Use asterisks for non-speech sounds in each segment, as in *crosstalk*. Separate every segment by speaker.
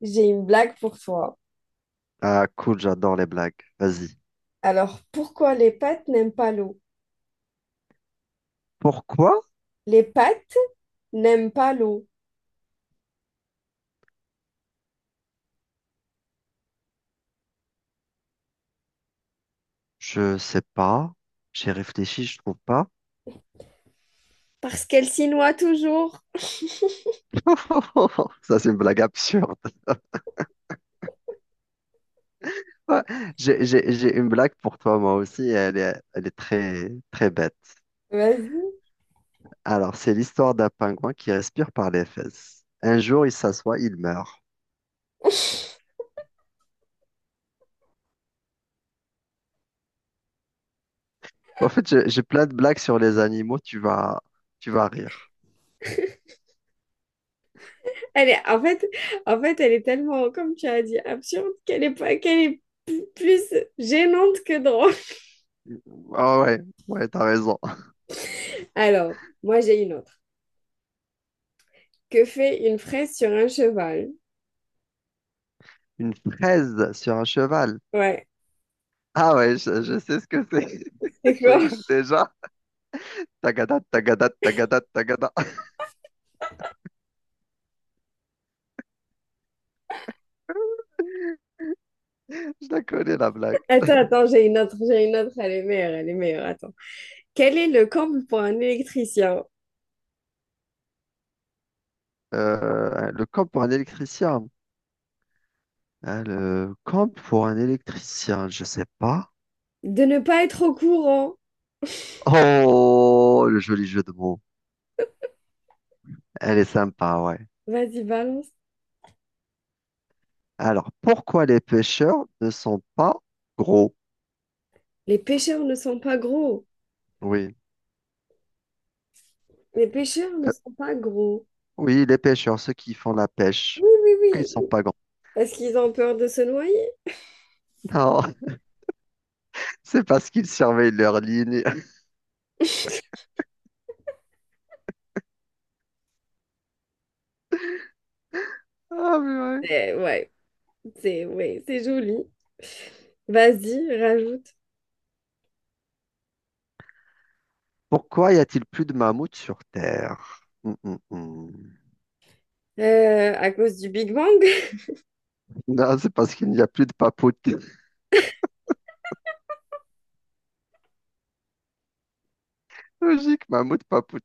Speaker 1: J'ai une blague pour toi.
Speaker 2: Ah, cool, j'adore les blagues. Vas-y.
Speaker 1: Alors, pourquoi les pattes n'aiment pas l'eau?
Speaker 2: Pourquoi?
Speaker 1: Les pattes n'aiment pas l'eau.
Speaker 2: Je sais pas. J'ai réfléchi, je trouve pas.
Speaker 1: Parce qu'elle s'y noie toujours.
Speaker 2: *laughs* Ça, c'est une blague absurde. Ouais, j'ai une blague pour toi, moi aussi. Elle est très, très bête.
Speaker 1: Vas-y.
Speaker 2: Alors, c'est l'histoire d'un pingouin qui respire par les fesses. Un jour, il s'assoit, il meurt.
Speaker 1: *laughs*
Speaker 2: En fait, j'ai plein de blagues sur les animaux. Tu vas rire.
Speaker 1: Elle est, en fait, elle est tellement, comme tu as dit, absurde qu'elle est pas, plus gênante que drôle.
Speaker 2: Ah ouais, ouais, t'as raison.
Speaker 1: *laughs* Alors, moi, j'ai une autre. Que fait une fraise sur un cheval?
Speaker 2: Une fraise sur un cheval.
Speaker 1: Ouais.
Speaker 2: Ah ouais, je sais ce que c'est.
Speaker 1: C'est
Speaker 2: *laughs* Je
Speaker 1: quoi?
Speaker 2: rigole
Speaker 1: *laughs*
Speaker 2: déjà. Tagada, tagada, tagada, tagada. *laughs* Je la connais, la blague.
Speaker 1: Attends, attends, j'ai une autre, j'ai une autre. Elle est meilleure, elle est meilleure. Attends. Quel est le comble pour un électricien?
Speaker 2: Le camp pour un électricien. Hein, le camp pour un électricien, je sais pas.
Speaker 1: De ne pas être au courant.
Speaker 2: Oh, le joli jeu de mots. Elle est sympa, ouais.
Speaker 1: Vas-y, balance.
Speaker 2: Alors, pourquoi les pêcheurs ne sont pas gros?
Speaker 1: Les pêcheurs ne sont pas gros.
Speaker 2: Oui.
Speaker 1: Les pêcheurs ne
Speaker 2: Euh,
Speaker 1: sont pas gros.
Speaker 2: oui, les pêcheurs, ceux qui font la pêche.
Speaker 1: Oui,
Speaker 2: Pourquoi
Speaker 1: oui,
Speaker 2: ils sont
Speaker 1: oui.
Speaker 2: pas grands?
Speaker 1: Parce qu'ils ont peur de se noyer.
Speaker 2: Non, *laughs* c'est parce qu'ils surveillent leur ligne. *laughs* Ah, mais ouais.
Speaker 1: Eh, ouais, c'est joli. Vas-y, rajoute.
Speaker 2: Pourquoi y a-t-il plus de mammouths sur Terre?
Speaker 1: À cause du Big Bang.
Speaker 2: Non, c'est parce qu'il n'y a plus de papoute. *laughs* Logique, mammouth, papoute.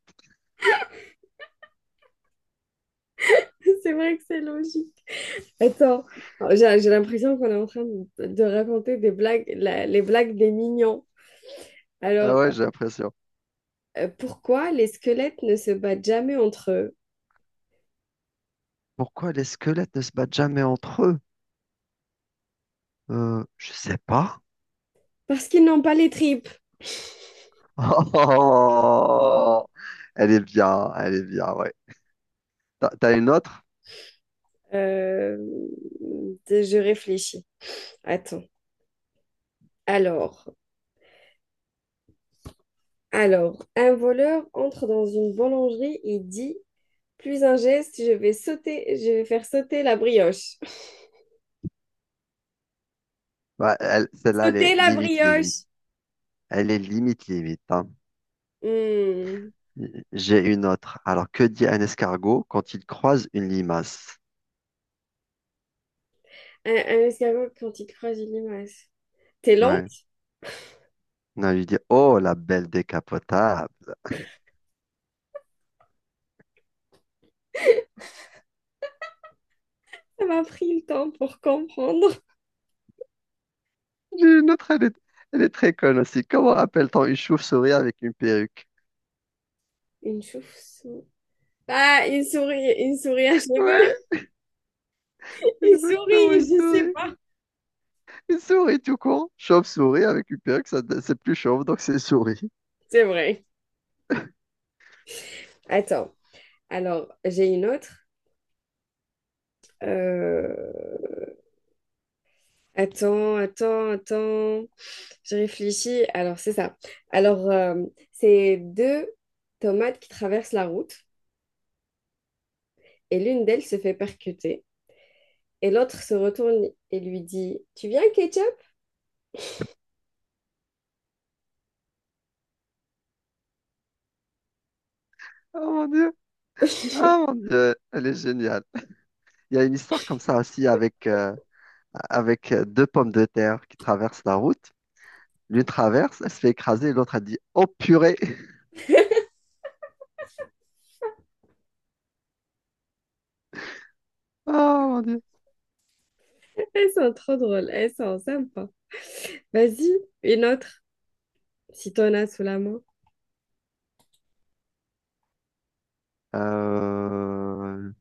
Speaker 1: *laughs* C'est vrai que c'est logique. Attends, j'ai l'impression qu'on est en train de raconter des blagues, les blagues des mignons.
Speaker 2: Ah
Speaker 1: Alors,
Speaker 2: ouais, j'ai l'impression.
Speaker 1: pourquoi les squelettes ne se battent jamais entre eux?
Speaker 2: Pourquoi les squelettes ne se battent jamais entre eux? Je sais pas. *laughs*
Speaker 1: Parce qu'ils n'ont pas les tripes.
Speaker 2: Oh, elle est bien, ouais. T'as une autre?
Speaker 1: Euh, je réfléchis. Attends. Alors, alors, un voleur entre dans une boulangerie et dit, plus un geste, je vais sauter, je vais faire sauter la brioche. *laughs*
Speaker 2: Ouais, elle- celle-là, elle est
Speaker 1: Sauter la
Speaker 2: limite, limite.
Speaker 1: brioche!
Speaker 2: Elle est limite, limite, hein.
Speaker 1: Hmm.
Speaker 2: J'ai une autre. Alors, que dit un escargot quand il croise une limace?
Speaker 1: Un escargot quand il croise une limace. T'es lente,
Speaker 2: Ouais. Non, il lui dit, oh, la belle décapotable.
Speaker 1: ça m'a pris le temps pour comprendre.
Speaker 2: J'ai une autre, elle est très conne aussi. Comment appelle-t-on une chauve-souris avec une perruque?
Speaker 1: Une chauve-souris. Ah, une souris à cheveux.
Speaker 2: Ouais,
Speaker 1: *laughs* Une
Speaker 2: exactement,
Speaker 1: souris,
Speaker 2: une
Speaker 1: je sais
Speaker 2: souris.
Speaker 1: pas.
Speaker 2: Une souris tout court. Chauve-souris avec une perruque, ça, c'est plus chauve, donc c'est souris.
Speaker 1: C'est vrai.
Speaker 2: *laughs*
Speaker 1: Attends. Alors, j'ai une autre. Euh, Attends, attends, attends. Je réfléchis. Alors, c'est ça. Alors, c'est deux tomates qui traversent la route, et l'une d'elles se fait percuter, et l'autre se retourne et lui dit, tu viens, ketchup?
Speaker 2: Oh mon Dieu,
Speaker 1: *laughs*
Speaker 2: ah mon Dieu, elle est géniale. Il y a une histoire comme ça aussi avec, avec deux pommes de terre qui traversent la route. L'une traverse, elle se fait écraser, l'autre elle dit oh purée! *laughs* Oh mon Dieu!
Speaker 1: Elles sont trop drôles. Elles sont sympas. Vas-y, une autre, si t'en as sous la main.
Speaker 2: Euh,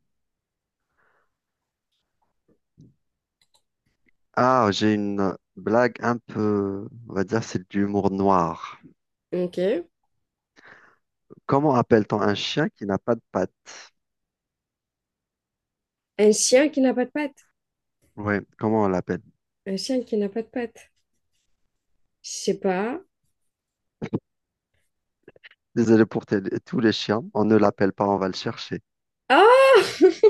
Speaker 2: Ah, j'ai une blague un peu, on va dire, c'est de l'humour noir.
Speaker 1: Ok.
Speaker 2: Comment appelle-t-on un chien qui n'a pas de pattes?
Speaker 1: Un chien qui n'a pas de pattes.
Speaker 2: Oui, comment on l'appelle?
Speaker 1: Un chien qui n'a pas de pattes. Je sais pas.
Speaker 2: Désolé pour tous les chiens, on ne l'appelle pas, on va le chercher.
Speaker 1: Ah! *laughs*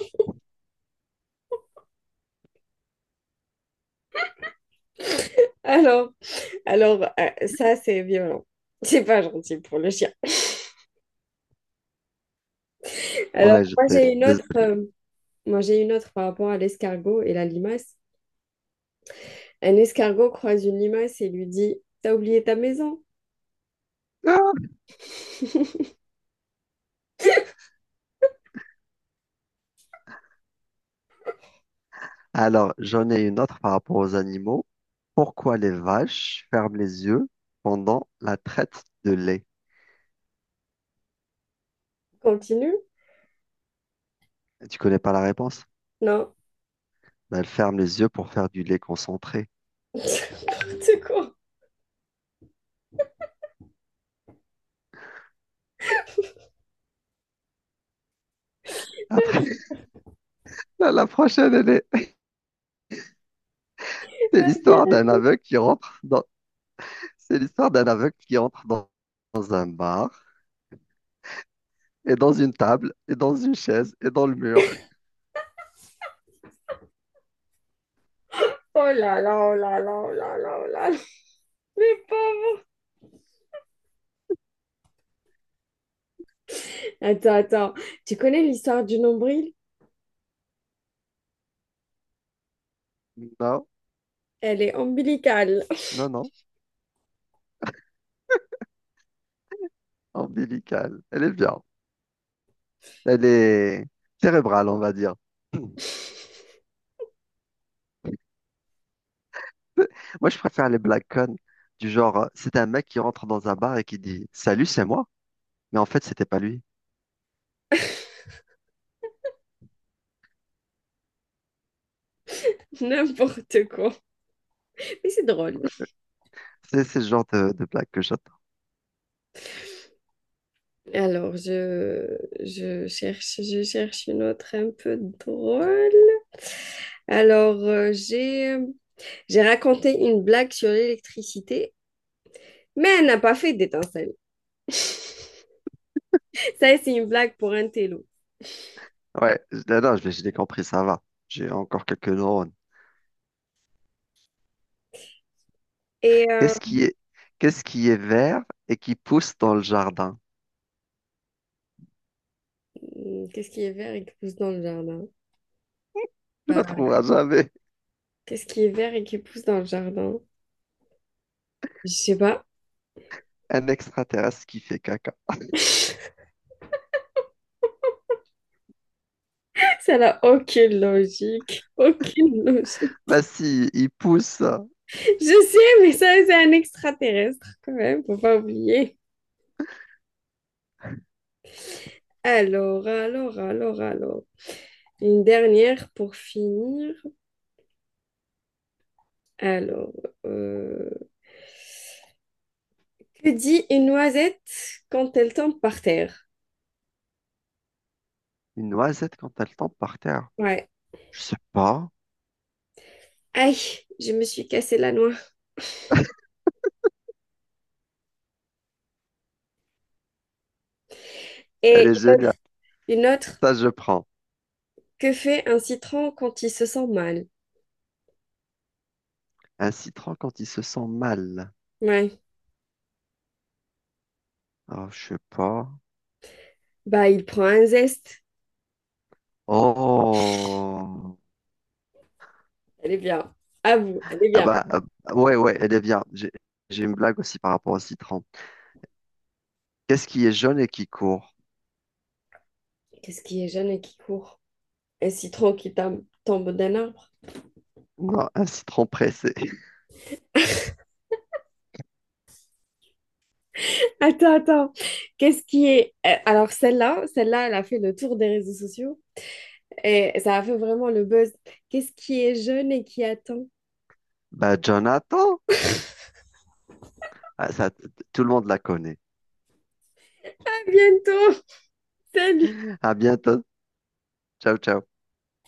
Speaker 1: Alors, ça, c'est violent. C'est pas gentil pour le chien. Alors,
Speaker 2: Ouais,
Speaker 1: moi,
Speaker 2: j'étais
Speaker 1: j'ai une autre,
Speaker 2: désolé.
Speaker 1: moi, j'ai une autre par rapport à l'escargot et la limace. Un escargot croise une limace et lui dit, t'as oublié ta maison?
Speaker 2: Alors, j'en ai une autre par rapport aux animaux. Pourquoi les vaches ferment les yeux pendant la traite de lait?
Speaker 1: Continue?
Speaker 2: Tu connais pas la réponse?
Speaker 1: Non.
Speaker 2: Ben, elles ferment les yeux pour faire du lait concentré.
Speaker 1: *laughs* N'importe quoi.
Speaker 2: Après, *laughs* la prochaine, elle est- c'est l'histoire d'un
Speaker 1: Vas-y.
Speaker 2: aveugle qui rentre dans. C'est l'histoire d'un aveugle qui entre dans, dans un bar, et dans une table, et dans une chaise, et dans le mur.
Speaker 1: Oh là là, oh là là, oh là là, oh là là. Mais pauvre. Attends, attends. Tu connais l'histoire du nombril?
Speaker 2: Non,
Speaker 1: Elle est ombilicale.
Speaker 2: non, non, ombilicale. Elle est bien. Elle est cérébrale, on va dire. *clears throat*
Speaker 1: *laughs*
Speaker 2: Moi, je préfère les black con, du genre, c'est un mec qui rentre dans un bar et qui dit, salut, c'est moi. Mais en fait, c'était pas lui.
Speaker 1: N'importe quoi. Mais c'est drôle.
Speaker 2: C'est le genre de blague que j'attends.
Speaker 1: Alors, je cherche une autre un peu drôle. Alors, j'ai raconté une blague sur l'électricité, mais elle n'a pas fait d'étincelle. *laughs* Ça, c'est une blague pour un télo.
Speaker 2: Ouais, non, non, je l'ai compris, ça va. J'ai encore quelques neurones.
Speaker 1: Et
Speaker 2: Qu'est-ce qui est, qu'est-ce qui est vert et qui pousse dans le jardin?
Speaker 1: qu'est-ce qui est vert et qui pousse dans le jardin?
Speaker 2: Tu ne
Speaker 1: Bah,
Speaker 2: trouveras jamais
Speaker 1: qu'est-ce qui est vert et qui pousse dans le jardin? Je sais pas.
Speaker 2: un extraterrestre qui fait caca.
Speaker 1: *laughs* Ça n'a aucune logique. Aucune logique.
Speaker 2: Bah si, il pousse une
Speaker 1: Je sais, mais ça, c'est un extraterrestre quand même, faut pas oublier. Alors, alors. Une dernière pour finir. Alors, euh, que dit une noisette quand elle tombe par terre?
Speaker 2: noisette quand elle tombe par terre.
Speaker 1: Ouais.
Speaker 2: Je sais pas.
Speaker 1: Aïe, je me suis cassé la noix.
Speaker 2: Elle
Speaker 1: Et
Speaker 2: est géniale.
Speaker 1: une autre,
Speaker 2: Ça, je prends.
Speaker 1: que fait un citron quand il se sent mal?
Speaker 2: Un citron quand il se sent mal.
Speaker 1: Ouais.
Speaker 2: Oh, je sais pas.
Speaker 1: Bah, il prend un zeste.
Speaker 2: Oh.
Speaker 1: Elle est bien. À vous, elle est
Speaker 2: Ah
Speaker 1: bien.
Speaker 2: bah, ouais, ouais, elle est bien. J'ai une blague aussi par rapport au citron. Qu'est-ce qui est jaune et qui court?
Speaker 1: Qu'est-ce qui est jeune et qui court? Un citron qui tombe d'un arbre.
Speaker 2: Non, un citron pressé. *laughs*
Speaker 1: Attends, attends. Qu'est-ce qui est... alors, celle-là, celle-là, elle a fait le tour des réseaux sociaux. Et ça a fait vraiment le buzz. Qu'est-ce qui est jeune et qui attend?
Speaker 2: Bah, Jonathan. Ah, ça, tout le monde la connaît.
Speaker 1: À bientôt! Salut!
Speaker 2: À bientôt. Ciao, ciao.